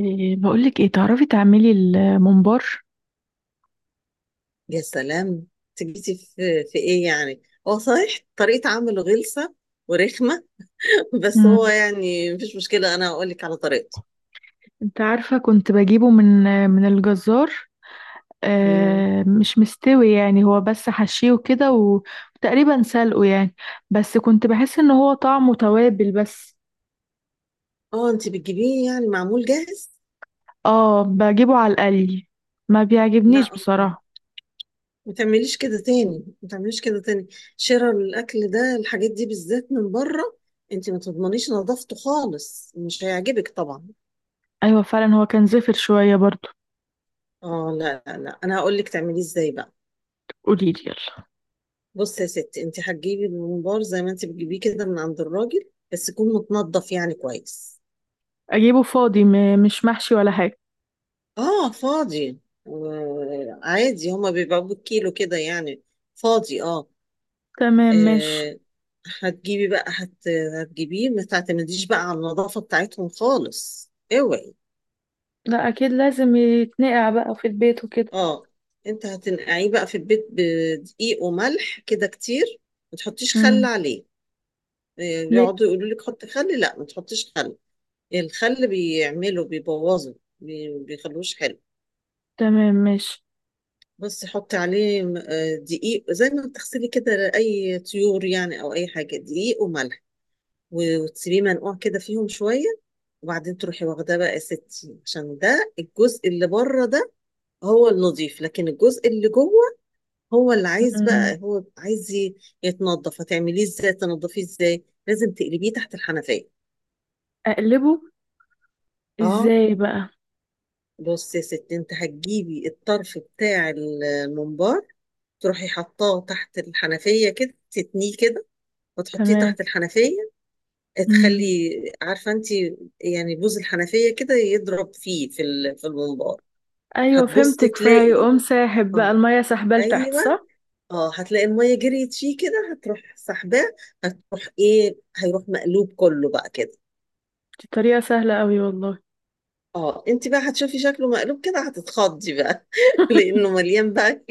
إيه، بقولك ايه، تعرفي تعملي الممبار؟ يا سلام. تجيتي في ايه يعني؟ هو صحيح طريقة عمله غلسة ورخمة. بس هو مم. يعني مفيش مشكلة، انا هقول لك على طريقته. انت عارفة، كنت بجيبه من الجزار. مم. آه، مش مستوي يعني، هو بس حشيه كده وتقريبا سلقه يعني. بس كنت بحس ان هو طعمه توابل بس. اه، انت بتجيبيه يعني معمول جاهز؟ اه، بجيبه على القلي، ما بيعجبنيش لا بصراحة. ما تعمليش كده تاني، ما تعمليش كده تاني. شراء الاكل ده، الحاجات دي بالذات من بره انت ما تضمنيش نظافته خالص، مش هيعجبك طبعا. ايوه، فعلا هو كان زفر شوية برضو. اه لا، انا هقول لك تعمليه ازاي بقى. قوليلي يلا. بص يا ستي، انت هتجيبي الممبار زي ما انت بتجيبيه كده من عند الراجل، بس يكون متنضف يعني كويس. اجيبه فاضي مش محشي ولا حاجة؟ اه فاضي. آه عادي، هما بيبقوا بالكيلو كده يعني. فاضي اه. تمام، ماشي. آه، هتجيبي بقى هت... هتجيبيه ما تعتمديش بقى على النظافة بتاعتهم خالص، اوعي. لا، اكيد لازم يتنقع بقى في البيت وكده. اه، انت هتنقعيه بقى في البيت بدقيق وملح كده كتير. ما تحطيش خل امم. عليه. بيقعدوا يقولوا لك حط خل، لا ما تحطيش خل. الخل بيعمله بيبوظه بيخلوش حلو. تمام، ماشي. بس حط عليه دقيق زي ما بتغسلي كده اي طيور يعني، او اي حاجه، دقيق وملح. وتسيبيه منقوع كده فيهم شويه. وبعدين تروحي واخداه بقى يا ستي، عشان ده الجزء اللي بره ده هو النظيف، لكن الجزء اللي جوه هو اللي عايز مم. بقى، هو عايز يتنضف. هتعمليه ازاي؟ تنضفيه ازاي؟ لازم تقلبيه تحت الحنفيه. اقلبه اه، ازاي بقى؟ بص يا ستي، انت هتجيبي الطرف بتاع الممبار، تروحي حطاه تحت الحنفية كده، تتنيه كده وتحطيه تمام. تحت الحنفية. تخلي، مم. عارفة انت، يعني بوز الحنفية كده يضرب فيه في في الممبار. ايوه، هتبصي فهمتك، تلاقي، فهيقوم ساحب بقى اه، المية سحبة لتحت، ايوه، صح؟ اه، هتلاقي المية جريت فيه كده، هتروح سحباه، هتروح ايه، هيروح مقلوب كله بقى كده. دي طريقة سهلة قوي والله. اه، انت بقى هتشوفي شكله مقلوب كده، هتتخضي بقى. لانه مليان بقى،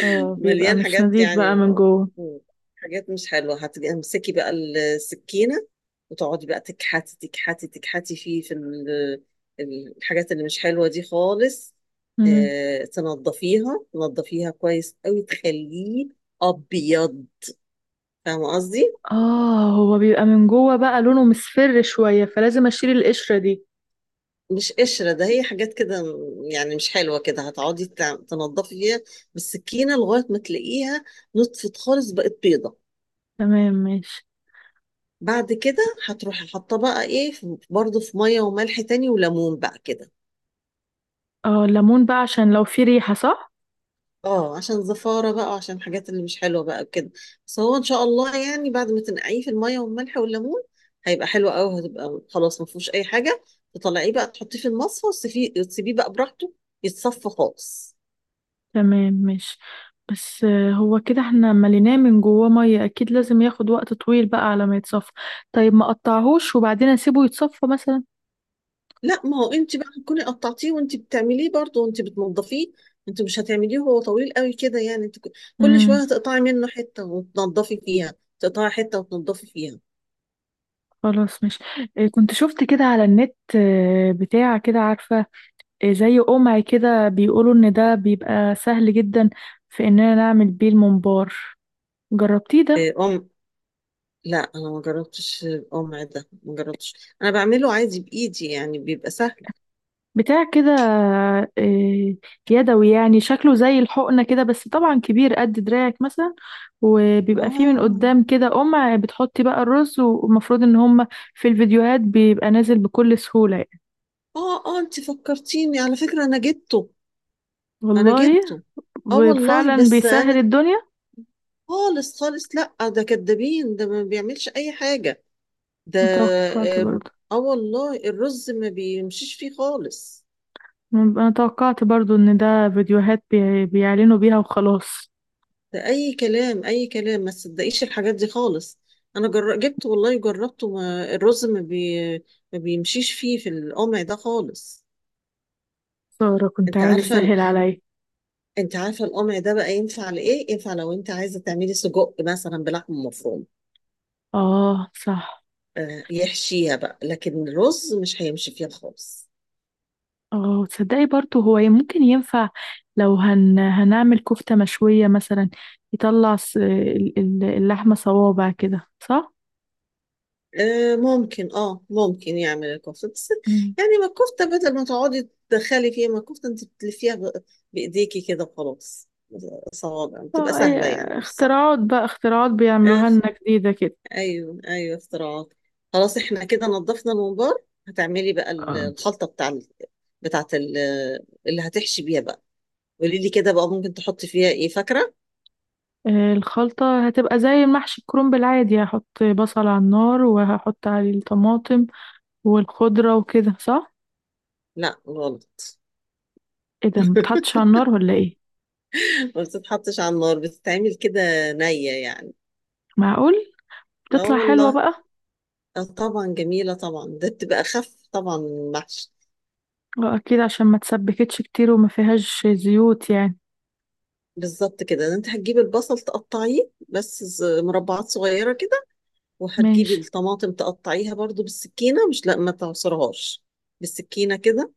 اه، بيبقى مليان مش حاجات نظيف بقى يعني. من جوه. مم. حاجات مش حلوة. هتمسكي بقى السكينة وتقعدي بقى تكحتي فيه في الحاجات اللي مش حلوة دي خالص. مم. تنضفيها، تنضفيها كويس قوي، تخليه أبيض. فاهمة قصدي؟ اه، هو بيبقى من جوه بقى لونه مصفر شوية، فلازم اشيل القشرة دي. مش قشرة ده، هي حاجات كده يعني مش حلوة كده. هتقعدي تنضفي فيها بالسكينة لغاية ما تلاقيها نطفت خالص، بقت بيضة. تمام، ماشي. بعد كده هتروحي حاطه بقى ايه برضه في ميه وملح تاني وليمون بقى كده. اه، الليمون بقى عشان لو في ريحة، صح؟ اه عشان زفاره بقى وعشان الحاجات اللي مش حلوه بقى كده. بس هو ان شاء الله يعني بعد ما تنقعيه في الميه والملح والليمون هيبقى حلو قوي، هتبقى خلاص ما فيهوش اي حاجه. تطلعيه بقى تحطيه في المصفى وتسيبيه بقى براحته، يتصفى خالص. تمام، ماشي. بس هو كده احنا مليناه من جواه ميه، اكيد لازم ياخد وقت طويل بقى على ما يتصفى. طيب ما اقطعهوش وبعدين اسيبه يتصفى مثلا؟ لا، ما هو انت بقى هتكوني قطعتيه وانت بتعمليه برضه وانت بتنضفيه. انت مش هتعمليه وهو طويل قوي كده، يعني انت كل امم. شويه هتقطعي منه حته وتنضفي فيها، تقطعي حته وتنضفي فيها. خلاص، ماشي. كنت شفت كده على النت، بتاع كده، عارفه؟ زي قمع كده، بيقولوا ان ده بيبقى سهل جدا في اننا نعمل بيه الممبار. جربتيه ده؟ إيه، لا أنا ما جربتش. ده ما جربتش. أنا بعمله عادي بإيدي، يعني بيبقى سهل. بتاع كده. يدوي يعني، شكله زي الحقنة كده، بس طبعا كبير قد دراعك مثلا. وبيبقى فيه من آه قدام كده، بتحطي بقى الرز، والمفروض ان هم في الفيديوهات بيبقى نازل بكل سهولة يعني. آه، أنت فكرتيني على فكرة، أنا جبته. أنا والله. جبته. آه والله، وفعلا بس بيسهل أنا الدنيا. خالص خالص. لا ده كدابين، ده ما بيعملش أي حاجة ده. متوقعت آه برضو. آه والله، الرز ما بيمشيش فيه خالص. انا توقعت برضو ان ده فيديوهات بيعلنوا بيها وخلاص. ده اي كلام، اي كلام، ما تصدقيش الحاجات دي خالص. جبت والله، جربته ما الرز ما, بي... ما بيمشيش فيه في القمع ده خالص. سارة، كنت انت عايزة عارفه اسهل عليا. انت عارفه القمع ده بقى ينفع لايه؟ ينفع لو انت عايزه تعملي سجق مثلا بلحمه مفرومه. اه، صح. آه يحشيها بقى، لكن الرز مش هيمشي فيها خالص. اه، تصدقي برضه، هو ممكن ينفع لو هنعمل كفتة مشوية مثلا، يطلع اللحمة صوابع كده، صح؟ ممكن، اه ممكن يعمل الكفته، بس مم. يعني ما الكفته، بدل ما تقعدي تدخلي فيها، ما الكفته انت بتلفيها بايديكي كده وخلاص. صوابع بتبقى اه، سهله يعني، مش صعبه. اختراعات بقى، اختراعات بيعملوها اخ، لنا جديدة كده. ايوه ايوه اختراعات. خلاص احنا كده نظفنا الممبار، هتعملي بقى آه. الخلطه بتاعت اللي هتحشي بيها بقى. قولي لي كده بقى، ممكن تحطي فيها ايه فاكره؟ الخلطة هتبقى زي المحشي الكرنب العادي، هحط بصل على النار وهحط عليه الطماطم والخضرة وكده، صح؟ لا غلط. ايه ده، متحطش على النار ولا ايه؟ ما بتتحطش على النار، بتتعمل كده نيه يعني. معقول؟ اه تطلع حلوة والله. بقى؟ اه طبعا جميلة طبعا، ده بتبقى أخف طبعا من المحشي. اه، اكيد عشان ما تسبكتش كتير وما فيهاش زيوت يعني. بالظبط كده. ده انت هتجيبي البصل تقطعيه بس مربعات صغيرة كده، وهتجيبي ماشي. الطماطم تقطعيها برضو بالسكينة، مش، لا ما تعصرهاش، بالسكينة كده،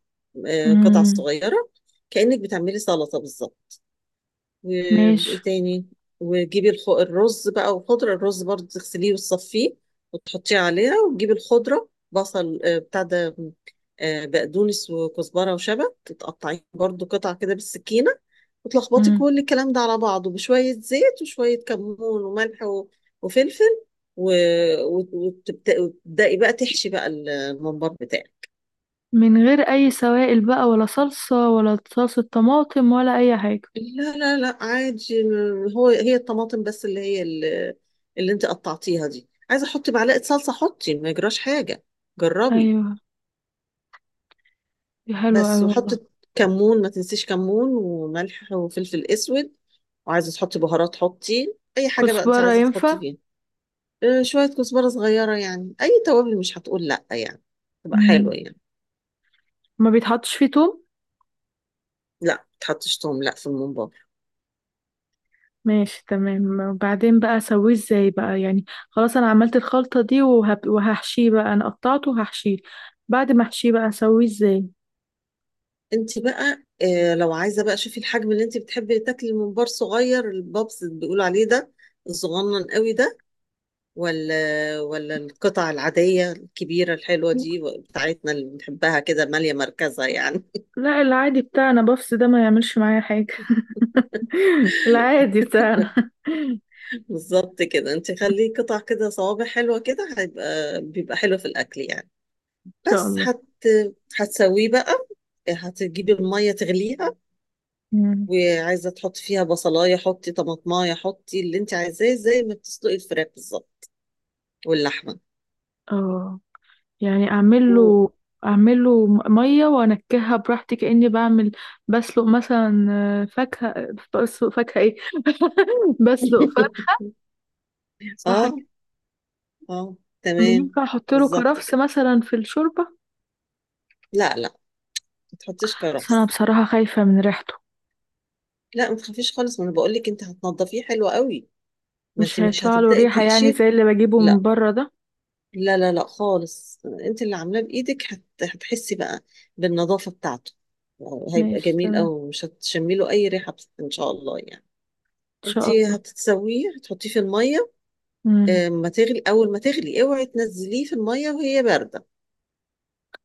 قطع امم. صغيرة، كأنك بتعملي سلطة بالظبط. و- ماشي. وايه تاني؟ وتجيبي الرز بقى والخضرة. الرز برضه تغسليه وتصفيه وتحطيه عليها، وتجيبي الخضرة، بصل، بتاع ده، بقدونس وكزبرة وشبت، تقطعيه برضه قطع كده بالسكينة، وتلخبطي امم. كل الكلام ده على بعضه بشوية زيت وشوية كمون وملح وفلفل، وتبدأي بقى تحشي بقى الممبار بتاعك. من غير اي سوائل بقى، ولا صلصة، ولا صلصة طماطم، ولا اي حاجة؟ لا عادي، هو هي الطماطم بس اللي هي اللي اللي انت قطعتيها دي. عايزه احط معلقه صلصه حطي، ما يجراش حاجه. جربي. ايوه. دي حلوة اوي بس وحطي والله. كمون، ما تنسيش كمون وملح وفلفل اسود. وعايزه تحطي بهارات حطي اي حاجه بقى انت كزبرة عايزه ينفع؟ تحطي فيها. اه، شويه كزبره صغيره يعني، اي توابل مش هتقول لا يعني، تبقى امم. حلوه يعني. ما بيتحطش فيه توم؟ لا ما تحطش توم، لا في الممبار. ماشي، تمام. وبعدين بقى اسويه ازاي بقى يعني؟ خلاص، انا عملت الخلطة دي وهحشيه بقى، انا قطعته وهحشيه. بعد ما احشيه بقى، اسويه ازاي؟ انت بقى لو عايزه بقى شوفي الحجم اللي انت بتحبي تاكلي. الممبار صغير، البابس اللي بيقولوا عليه ده، الصغنن قوي ده، ولا، ولا القطع العاديه الكبيره الحلوه دي بتاعتنا اللي بنحبها كده ماليه مركزها يعني؟ لا، العادي بتاعنا بفس ده ما يعملش معايا حاجة. العادي بتاعنا ان بالظبط كده. انت خليه قطع كده صوابع حلوه كده، هيبقى، بيبقى حلو في الاكل يعني. شاء بس الله. هت، هتسويه بقى، هتجيبي الميه تغليها. امم. وعايزه تحطي فيها بصلايه حطي، طماطمايه حطي، اللي انت عايزاه، زي ما بتسلقي الفراخ بالظبط واللحمة. اه، يعني اعمل و- له اعمل له ميه وانكهها براحتي، كاني بعمل بسلق مثلا فاكهه. بسلق فاكهه ايه؟ بسلق فرخ. صح اه، كده؟ اه، تمام. ينفع احط له بالظبط كرفس كده. مثلا في الشوربه؟ لا ما تحطيش بس انا كرفس. بصراحه خايفه من ريحته. لا ما تخافيش خالص، ما انا بقول لك انت هتنضفيه حلو قوي، ما مش انت مش هيطلع له هتبدأي ريحه يعني تحشيه. زي اللي بجيبه من لا بره ده؟ لا خالص، انت اللي عاملاه بايدك، هتحسي بقى بالنظافة بتاعته. هيبقى ماشي، جميل قوي، تمام. ومش هتشمي له اي ريحة، ان شاء الله يعني. ان شاء انت الله. هتتسويه، هتحطيه في المية. مم. ما تغلي، اول ما تغلي اوعي تنزليه في المية وهي باردة.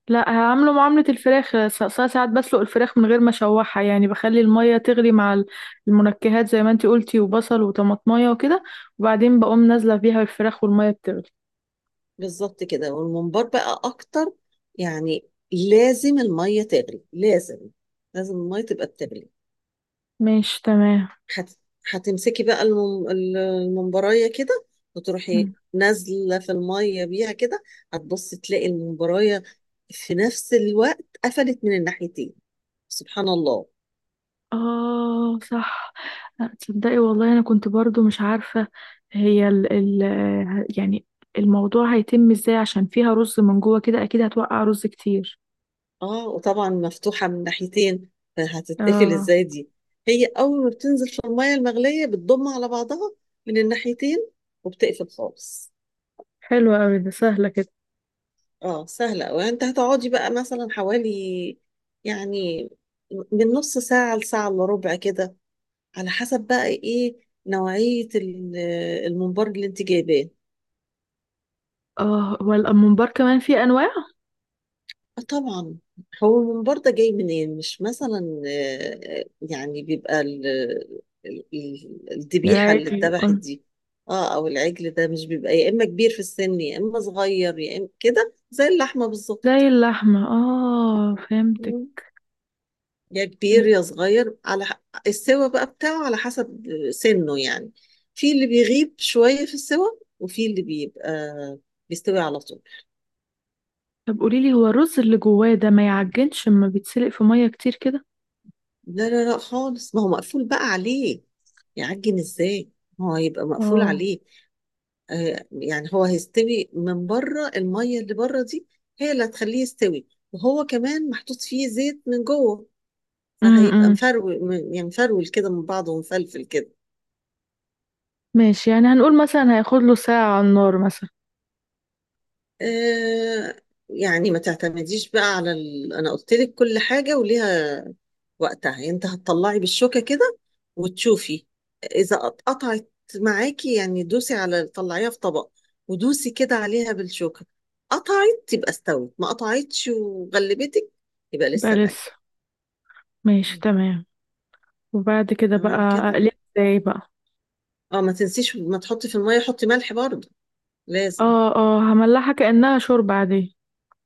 لا، هعمله معاملة الفراخ، ساعات بسلق الفراخ من غير ما اشوحها يعني، بخلي المية تغلي مع المنكهات زي ما انتي قلتي، وبصل وطماطمية وكده، وبعدين بقوم نازلة بيها الفراخ والمية بتغلي. بالظبط كده. والممبار بقى اكتر يعني، لازم الميه تغلي، لازم، لازم الميه تبقى بتغلي. ماشي، تمام. هت... هتمسكي بقى الممبرايه كده، وتروحي مم. نازله في الميه بيها كده. هتبصي تلاقي الممبرايه في نفس الوقت قفلت من الناحيتين. سبحان الله. اه، صح. لا، تصدقي والله، انا كنت برضو مش عارفة هي ال ال يعني الموضوع هيتم ازاي، عشان فيها رز من جوه كده اكيد هتوقع رز كتير. اه وطبعا مفتوحه من ناحيتين، فهتتقفل اه. ازاي دي؟ هي اول ما بتنزل في الميه المغليه بتضم على بعضها من الناحيتين، وبتقفل خالص. حلوة أوي، ده سهلة كده. اه سهلة. وانت هتقعدي بقى مثلا حوالي يعني من نص ساعة لساعة الا ربع كده، على حسب بقى ايه نوعية الممبار اللي انت جايباه. اه، والممبار كمان فيه انواع. آه طبعا. هو الممبار ده جاي منين؟ مش مثلا يعني بيبقى الذبيحة اللي العادي. اتذبحت دي. اه، او العجل ده مش بيبقى يا اما كبير في السن يا اما صغير، يا اما كده زي اللحمة بالظبط. زي اللحمة، اه فهمتك. يا كبير يا صغير على السوا بقى بتاعه، على حسب سنه يعني. في اللي بيغيب شوية في السوا، وفي اللي بيبقى بيستوي على طول. طب قوليلي، هو الرز اللي جواه ده ما يعجنش اما بيتسلق في مية كتير كده؟ لا خالص، ما هو مقفول بقى عليه، يعجن ازاي؟ ما هو هيبقى مقفول اه. عليه. آه يعني هو هيستوي من بره، المية اللي بره دي هي اللي هتخليه يستوي، وهو كمان محطوط فيه زيت من جوه، فهيبقى امم. مفرول، يعني مفرول كده من بعضه ومفلفل كده. ماشي، يعني هنقول مثلا هياخد له ساعة على النار مثلا. آه يعني ما تعتمديش بقى على انا قلت لك كل حاجه وليها وقتها. يعني انت هتطلعي بالشوكه كده وتشوفي، اذا قطعت معاكي، يعني دوسي على، طلعيها في طبق ودوسي كده عليها بالشوكه. قطعت يبقى استوت، ما قطعتش وغلبتك يبقى بقى لسه ني. لسه. ماشي، تمام. وبعد كده بقى تمام كده. اقلب ازاي بقى؟ اه، ما تنسيش ما تحطي في الميه، حطي ملح برضه، لازم. اه، اه، هملحها كأنها شوربة عادية.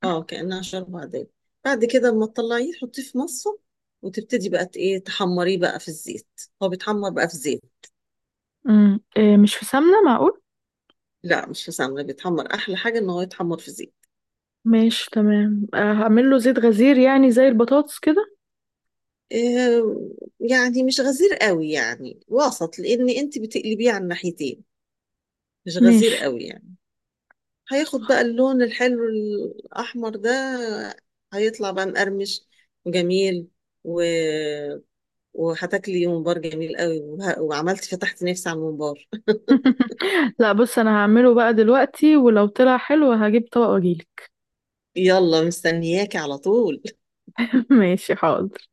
اه، كأنها شوربة عادية. بعد كده لما تطلعيه تحطيه في مصة، وتبتدي بقى ت- ايه تحمريه بقى في الزيت. هو بيتحمر بقى في زيت. إيه؟ مش في سمنة، معقول؟ لا مش في سمنة، بيتحمر، أحلى حاجة إن هو يتحمر في زيت. ماشي، تمام. هعمل له زيت غزير يعني زي البطاطس كده. إيه، يعني مش غزير قوي يعني، وسط، لأن أنت بتقلبيه على الناحيتين، مش غزير ماشي. قوي يعني. هياخد بقى اللون الحلو الأحمر ده، هيطلع بقى مقرمش وجميل و... وهتاكلي ممبار جميل قوي، وعملتي فتحت نفسي على الممبار. لا، بص، انا هعمله بقى دلوقتي، ولو طلع حلو هجيب طبق واجيلك. يلا، مستنياكي على طول. ماشي، حاضر.